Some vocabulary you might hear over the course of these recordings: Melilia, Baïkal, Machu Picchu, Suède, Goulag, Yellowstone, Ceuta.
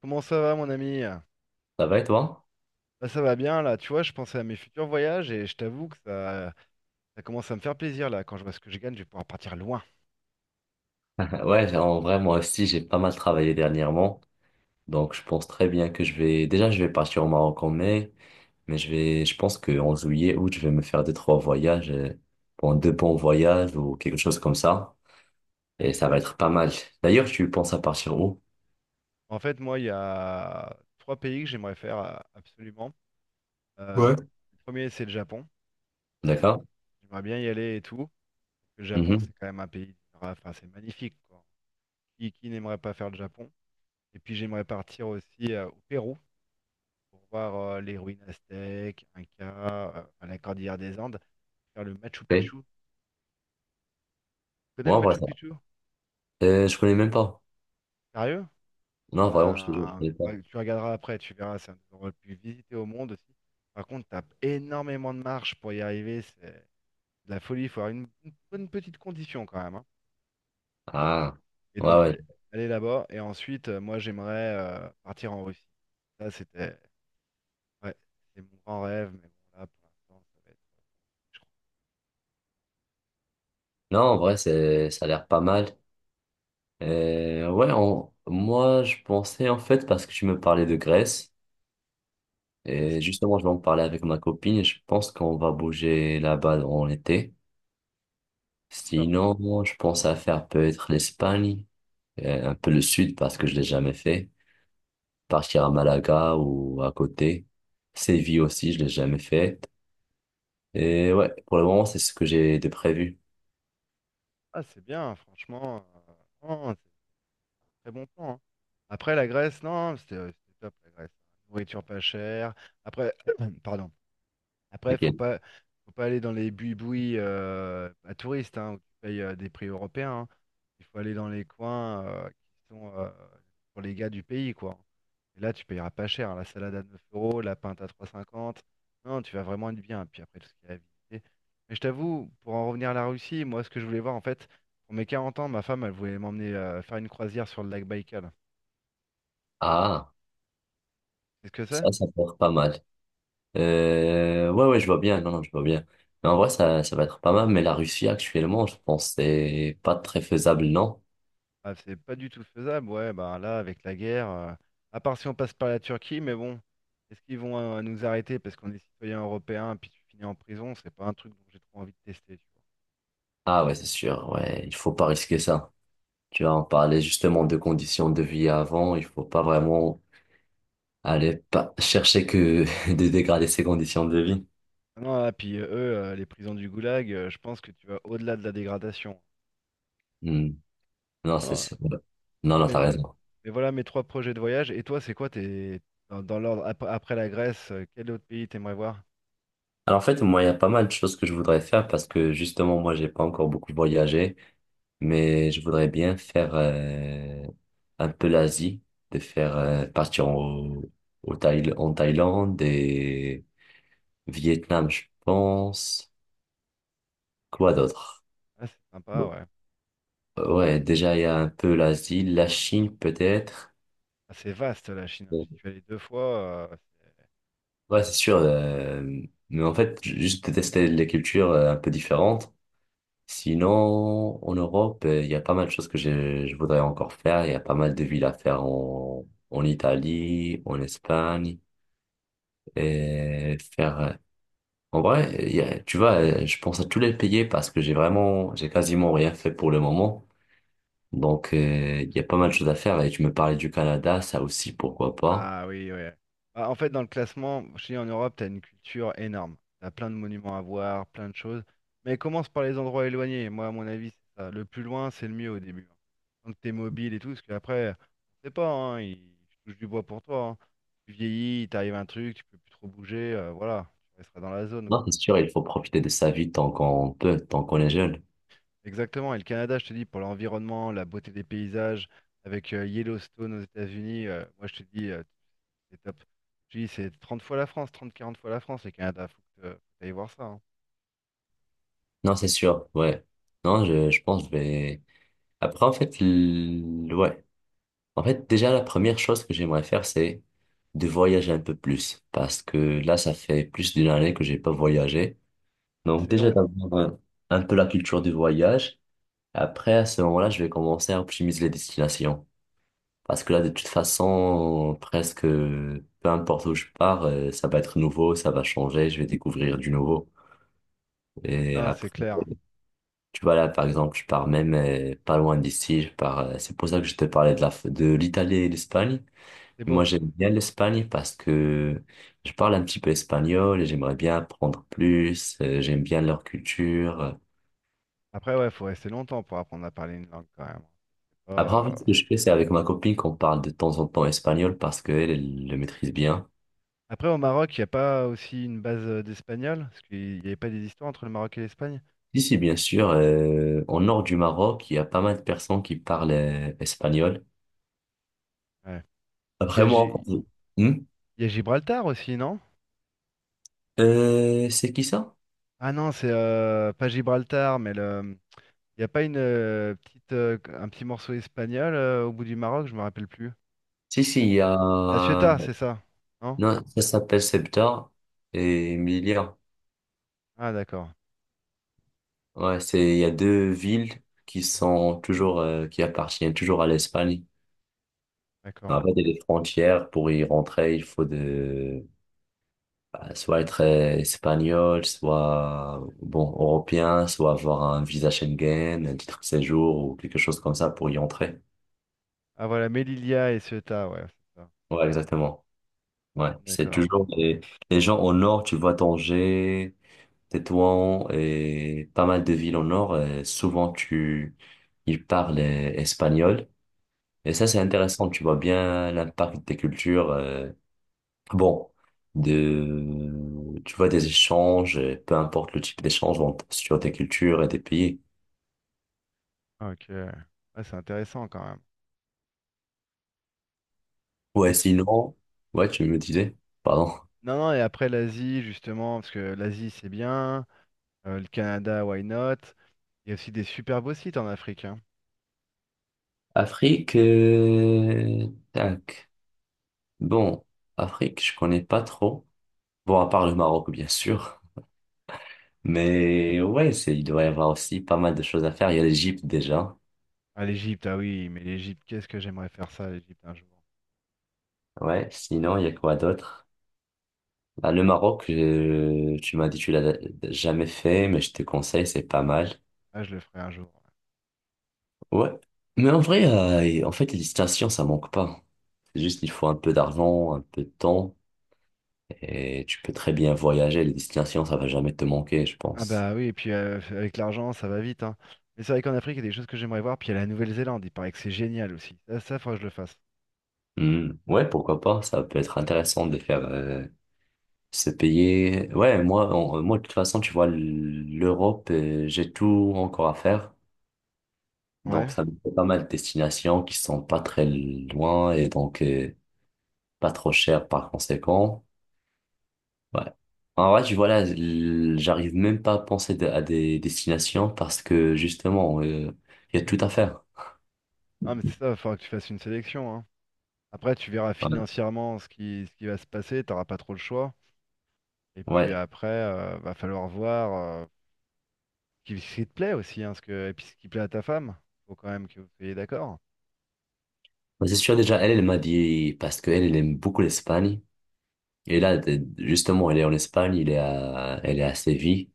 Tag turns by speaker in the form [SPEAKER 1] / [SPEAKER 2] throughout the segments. [SPEAKER 1] Comment ça va, mon ami? Bah,
[SPEAKER 2] Ça va et toi?
[SPEAKER 1] ça va bien, là. Tu vois, je pensais à mes futurs voyages et je t'avoue que ça commence à me faire plaisir, là. Quand je vois ce que je gagne, je vais pouvoir partir loin.
[SPEAKER 2] Ouais, en vrai, moi aussi, j'ai pas mal travaillé dernièrement. Donc, je pense très bien que je vais, déjà, je vais partir au Maroc en mai, mais je vais, je pense qu'en juillet, août, je vais me faire deux, trois voyages, bon, deux bons voyages ou quelque chose comme ça. Et ça va être pas mal. D'ailleurs, tu penses à partir où?
[SPEAKER 1] En fait, moi, il y a trois pays que j'aimerais faire absolument. Euh,
[SPEAKER 2] Ouais.
[SPEAKER 1] le premier, c'est le Japon.
[SPEAKER 2] D'accord?
[SPEAKER 1] J'aimerais bien y aller et tout. Le Japon,
[SPEAKER 2] Mhm.
[SPEAKER 1] c'est quand même un pays, enfin, c'est magnifique, quoi. Qui n'aimerait pas faire le Japon? Et puis, j'aimerais partir aussi au Pérou pour voir les ruines aztèques, Inca, enfin, la cordillère des Andes, faire le Machu
[SPEAKER 2] Oui.
[SPEAKER 1] Picchu. Tu connais
[SPEAKER 2] Moi,
[SPEAKER 1] le
[SPEAKER 2] en vrai,
[SPEAKER 1] Machu
[SPEAKER 2] ça.
[SPEAKER 1] Picchu?
[SPEAKER 2] Je connais même pas.
[SPEAKER 1] Sérieux? Ah
[SPEAKER 2] Non, vraiment, je te jure, je
[SPEAKER 1] ben,
[SPEAKER 2] connais pas.
[SPEAKER 1] ouais, tu regarderas après, tu verras, c'est un des endroits les plus visités au monde aussi. Par contre, t'as énormément de marches pour y arriver, c'est de la folie, il faut avoir une bonne petite condition quand même, hein.
[SPEAKER 2] Ah.
[SPEAKER 1] Et
[SPEAKER 2] Ouais,
[SPEAKER 1] donc,
[SPEAKER 2] ouais.
[SPEAKER 1] aller là-bas, et ensuite, moi j'aimerais partir en Russie. Ça, c'était, ouais, c'est mon grand rêve, mais bon, là, pour l'instant, ça va être, je crois,
[SPEAKER 2] Non, en vrai, c'est, ça a l'air pas mal. Ouais, moi je pensais en fait parce que tu me parlais de Grèce
[SPEAKER 1] ah, mais c'est
[SPEAKER 2] et justement je vais en parler avec ma copine et je pense qu'on va bouger là-bas en été.
[SPEAKER 1] ça.
[SPEAKER 2] Sinon, moi, je pense à faire peut-être l'Espagne, un peu le sud parce que je l'ai jamais fait. Partir à Malaga ou à côté. Séville aussi, je l'ai jamais fait. Et ouais, pour le moment c'est ce que j'ai de prévu.
[SPEAKER 1] Ah, c'est bien, franchement, euh, non, c'est un très bon plan, hein. Après, la Grèce, non, c'était top, la Grèce. Nourriture pas chère. Après, pardon. Après, faut
[SPEAKER 2] T'inquiète.
[SPEAKER 1] pas, faut pas aller dans les buis-bouis à touristes, hein, où tu payes des prix européens, hein. Il faut aller dans les coins qui sont pour les gars du pays, quoi. Et là, tu payeras pas cher, hein. La salade à 9 euros, la pinte à trois euros cinquante. Non, tu vas vraiment être bien. Puis après, tout ce qu'il y a à visiter. Mais je t'avoue, pour en revenir à la Russie, moi, ce que je voulais voir, en fait, pour mes 40 ans, ma femme, elle voulait m'emmener faire une croisière sur le lac Baïkal.
[SPEAKER 2] Ah,
[SPEAKER 1] C'est ce que c'est?
[SPEAKER 2] ça peut être pas mal. Ouais, ouais, je vois bien. Non, non, je vois bien. Mais en vrai, ça va être pas mal. Mais la Russie, actuellement, je pense que c'est pas très faisable, non?
[SPEAKER 1] Ah, c'est pas du tout faisable, ouais, bah là, avec la guerre, à part si on passe par la Turquie, mais bon, est-ce qu'ils vont nous arrêter parce qu'on est citoyen européen, puis tu finis en prison, c'est pas un truc dont j'ai trop envie de tester, tu vois.
[SPEAKER 2] Ah ouais, c'est sûr. Ouais, il faut pas risquer ça. Tu vois, on parlait justement de conditions de vie avant. Il faut pas vraiment aller pas chercher que de dégrader ses conditions de vie.
[SPEAKER 1] Ah non, ah, puis eux, les prisons du Goulag, je pense que tu vas au-delà de la dégradation.
[SPEAKER 2] Hmm. Non,
[SPEAKER 1] Ah, non,
[SPEAKER 2] ouais. Non,
[SPEAKER 1] ah,
[SPEAKER 2] non,
[SPEAKER 1] mais,
[SPEAKER 2] t'as
[SPEAKER 1] mais
[SPEAKER 2] raison.
[SPEAKER 1] mais voilà mes trois projets de voyage, et toi, c'est quoi tes, dans l'ordre, après la Grèce, quel autre pays t'aimerais voir?
[SPEAKER 2] Alors en fait, moi, il y a pas mal de choses que je voudrais faire parce que justement, moi, j'ai pas encore beaucoup voyagé. Mais je voudrais bien faire un peu l'Asie, de faire partir en, au en Thaïlande et Vietnam, je pense. Quoi d'autre?
[SPEAKER 1] Ah, c'est sympa,
[SPEAKER 2] Bon,
[SPEAKER 1] ouais.
[SPEAKER 2] ouais, déjà il y a un peu l'Asie, la Chine peut-être.
[SPEAKER 1] Ah, c'est vaste, la Chine, hein. J'y
[SPEAKER 2] Bon,
[SPEAKER 1] suis allé deux fois, euh,
[SPEAKER 2] ouais, c'est sûr. Mais en fait, juste de tester les cultures un peu différentes. Sinon, en Europe, il y a pas mal de choses que je voudrais encore faire. Il y a pas mal de villes à faire en, en Italie, en Espagne. Et faire. En vrai, tu vois, je pense à tous les payer parce que j'ai vraiment, j'ai quasiment rien fait pour le moment. Donc, il y a pas mal de choses à faire. Et tu me parlais du Canada, ça aussi, pourquoi pas.
[SPEAKER 1] Ah oui, ouais. Ah, en fait, dans le classement, je te dis, en Europe, tu as une culture énorme. Tu as plein de monuments à voir, plein de choses. Mais commence par les endroits éloignés. Moi, à mon avis, c'est ça. Le plus loin, c'est le mieux au début, hein. Tant que tu es mobile et tout, parce qu'après, on sait pas, hein, je touche du bois pour toi, hein. Tu vieillis, il t'arrive un truc, tu peux plus trop bouger, voilà, tu resteras dans la zone,
[SPEAKER 2] Non,
[SPEAKER 1] quoi.
[SPEAKER 2] c'est sûr, il faut profiter de sa vie tant qu'on peut, tant qu'on est jeune.
[SPEAKER 1] Exactement. Et le Canada, je te dis, pour l'environnement, la beauté des paysages, avec Yellowstone aux États-Unis, moi, je te dis, c'est top. Je dis, c'est 30 fois la France, 30 40 fois la France, les Canada. Faut que tu voir ça, hein.
[SPEAKER 2] Non, c'est sûr, ouais. Non, je pense que je vais. Après, en fait, ouais. En fait, déjà, la première chose que j'aimerais faire, c'est de voyager un peu plus. Parce que là, ça fait plus d'une année que j'ai pas voyagé.
[SPEAKER 1] Ouais,
[SPEAKER 2] Donc
[SPEAKER 1] c'est
[SPEAKER 2] déjà
[SPEAKER 1] long.
[SPEAKER 2] d'avoir un peu la culture du voyage. Après, à ce moment-là, je vais commencer à optimiser les destinations. Parce que là, de toute façon, presque, peu importe où je pars, ça va être nouveau, ça va changer, je vais découvrir du nouveau. Et
[SPEAKER 1] Non, c'est
[SPEAKER 2] après,
[SPEAKER 1] clair.
[SPEAKER 2] tu vois, là, par exemple, je pars même pas loin d'ici, je pars, c'est pour ça que je te parlais de la, de l'Italie et l'Espagne.
[SPEAKER 1] C'est beau.
[SPEAKER 2] Moi, j'aime bien l'Espagne parce que je parle un petit peu espagnol et j'aimerais bien apprendre plus, j'aime bien leur culture.
[SPEAKER 1] Après, ouais, faut rester longtemps pour apprendre à parler une langue quand même. C'est pas,
[SPEAKER 2] Après, en fait, ce
[SPEAKER 1] euh,
[SPEAKER 2] que je fais, c'est avec ma copine qu'on parle de temps en temps espagnol parce qu'elle, elle le maîtrise bien.
[SPEAKER 1] Après, au Maroc, il n'y a pas aussi une base d'espagnol? Parce qu'il n'y avait pas des histoires entre le Maroc et l'Espagne?
[SPEAKER 2] Ici, bien sûr, au nord du Maroc, il y a pas mal de personnes qui parlent espagnol.
[SPEAKER 1] Ouais. Et puis,
[SPEAKER 2] Après, moi, en fait, hmm.
[SPEAKER 1] Il y a Gibraltar aussi, non?
[SPEAKER 2] C'est qui ça?
[SPEAKER 1] Ah non, c'est pas Gibraltar, il n'y a pas un petit morceau espagnol au bout du Maroc, je me rappelle plus.
[SPEAKER 2] Si, si, il y
[SPEAKER 1] La
[SPEAKER 2] a...
[SPEAKER 1] Ciotat, c'est ça, non?
[SPEAKER 2] Non, ça s'appelle Ceuta et Melilla.
[SPEAKER 1] Ah d'accord.
[SPEAKER 2] Ouais, c'est, il y a deux villes qui sont toujours, qui appartiennent toujours à l'Espagne.
[SPEAKER 1] D'accord.
[SPEAKER 2] En fait, il y a des frontières. Pour y rentrer, il faut de, bah, soit être espagnol, soit bon européen, soit avoir un visa Schengen, un titre de séjour ou quelque chose comme ça pour y entrer.
[SPEAKER 1] Ah voilà, Melilia et Ceuta, ouais, c'est ça.
[SPEAKER 2] Ouais, exactement. Ouais, c'est
[SPEAKER 1] D'accord.
[SPEAKER 2] toujours les gens au nord, tu vois Tanger, Tétouan et pas mal de villes au nord, souvent tu ils parlent espagnol et ça c'est intéressant, tu vois bien l'impact des cultures bon, de, tu vois, des échanges, peu importe le type d'échange, sur des cultures et des pays.
[SPEAKER 1] Ah, OK. Ouais, c'est intéressant quand même. Et
[SPEAKER 2] Ouais,
[SPEAKER 1] tu-
[SPEAKER 2] sinon, ouais, tu me disais, pardon.
[SPEAKER 1] Non, non, et après l'Asie, justement, parce que l'Asie, c'est bien. Le Canada, why not? Il y a aussi des super beaux sites en Afrique, hein.
[SPEAKER 2] Afrique, tac. Bon, Afrique, je connais pas trop. Bon, à part le Maroc, bien sûr. Mais ouais, c'est, il doit y avoir aussi pas mal de choses à faire. Il y a l'Égypte déjà.
[SPEAKER 1] Ah, l'Égypte, ah oui, mais l'Égypte, qu'est-ce que j'aimerais faire ça, l'Égypte, un jour.
[SPEAKER 2] Ouais, sinon, il y a quoi d'autre? Bah, le Maroc, tu m'as dit, tu l'as jamais fait, mais je te conseille, c'est pas mal.
[SPEAKER 1] Ah, je le ferai un jour, ouais.
[SPEAKER 2] Ouais. Mais en vrai, en fait, les destinations, ça manque pas. C'est juste qu'il faut un peu d'argent, un peu de temps, et tu peux très bien voyager. Les destinations, ça va jamais te manquer, je
[SPEAKER 1] Ah
[SPEAKER 2] pense.
[SPEAKER 1] bah oui, et puis avec l'argent, ça va vite, hein. Mais c'est vrai qu'en Afrique, il y a des choses que j'aimerais voir. Puis il y a la Nouvelle-Zélande, il paraît que c'est génial aussi. Ça, faudra que je le fasse.
[SPEAKER 2] Hmm. Ouais, pourquoi pas? Ça peut être intéressant de faire se payer. Ouais, moi, moi, de toute façon, tu vois, l'Europe, j'ai tout encore à faire.
[SPEAKER 1] Ouais.
[SPEAKER 2] Donc, ça me fait pas mal de destinations qui sont pas très loin et donc pas trop chères par conséquent. Ouais. En vrai, tu vois, là, j'arrive même pas à penser à des destinations parce que justement, il y a tout à faire.
[SPEAKER 1] Ah, mais c'est ça, il faudra que tu fasses une sélection, hein. Après, tu verras
[SPEAKER 2] Ouais.
[SPEAKER 1] financièrement ce qui va se passer, t'auras pas trop le choix. Et puis
[SPEAKER 2] Ouais.
[SPEAKER 1] après, va falloir voir euh, ce qui te plaît aussi, hein, et puis ce qui plaît à ta femme. Faut quand même que vous soyez d'accord.
[SPEAKER 2] Mais c'est sûr, déjà, elle, elle m'a dit, parce qu'elle, elle aime beaucoup l'Espagne. Et là, justement, elle est en Espagne, elle est à Séville.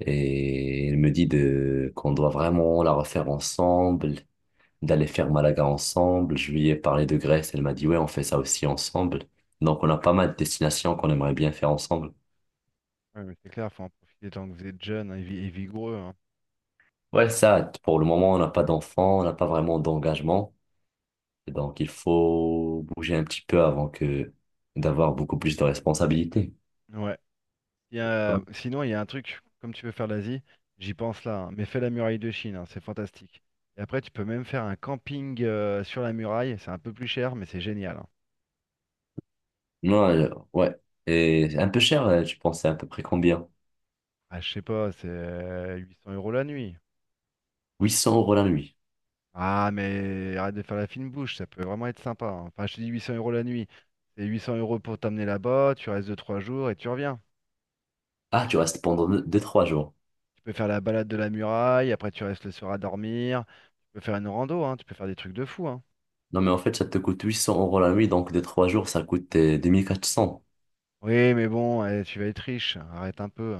[SPEAKER 2] Et elle me dit qu'on doit vraiment la refaire ensemble, d'aller faire Malaga ensemble. Je lui ai parlé de Grèce, elle m'a dit, ouais, on fait ça aussi ensemble. Donc, on a pas mal de destinations qu'on aimerait bien faire ensemble.
[SPEAKER 1] Ouais, mais c'est clair, faut en profiter tant que vous êtes jeune, hein, et vigoureux, hein.
[SPEAKER 2] Ouais, ça, pour le moment, on n'a pas d'enfant, on n'a pas vraiment d'engagement. Et donc, il faut bouger un petit peu avant que d'avoir beaucoup plus de responsabilités.
[SPEAKER 1] Ouais. Il y
[SPEAKER 2] Ouais.
[SPEAKER 1] a- sinon, il y a un truc, comme tu veux faire l'Asie, j'y pense là, hein, mais fais la muraille de Chine, hein, c'est fantastique. Et après, tu peux même faire un camping sur la muraille, c'est un peu plus cher, mais c'est génial, hein.
[SPEAKER 2] Non, ouais. Et c'est un peu cher, tu pensais à peu près combien?
[SPEAKER 1] Ah, je sais pas, c'est 800 euros la nuit.
[SPEAKER 2] Huit cents euros la nuit.
[SPEAKER 1] Ah, mais arrête de faire la fine bouche, ça peut vraiment être sympa, hein. Enfin, je te dis 800 euros la nuit. C'est 800 euros pour t'emmener là-bas, tu restes 2-3 jours et tu reviens.
[SPEAKER 2] Ah, tu restes pendant 2 trois jours.
[SPEAKER 1] Tu peux faire la balade de la muraille, après tu restes le soir à dormir. Tu peux faire une rando, hein, tu peux faire des trucs de fou, hein.
[SPEAKER 2] Non, mais en fait, ça te coûte 800 euros la nuit, donc 2 trois jours, ça coûte 2 400.
[SPEAKER 1] Oui, mais bon, eh, tu vas être riche, arrête un peu.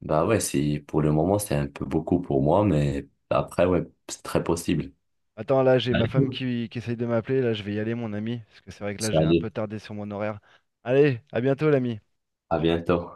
[SPEAKER 2] Bah ouais, c'est, pour le moment, c'est un peu beaucoup pour moi, mais après, ouais, c'est très possible.
[SPEAKER 1] Attends, là, j'ai ma
[SPEAKER 2] Allez.
[SPEAKER 1] femme qui essaye de m'appeler, là, je vais y aller, mon ami, parce que c'est vrai que là, j'ai un
[SPEAKER 2] Allez,
[SPEAKER 1] peu tardé sur mon horaire. Allez, à bientôt, l'ami.
[SPEAKER 2] à bientôt.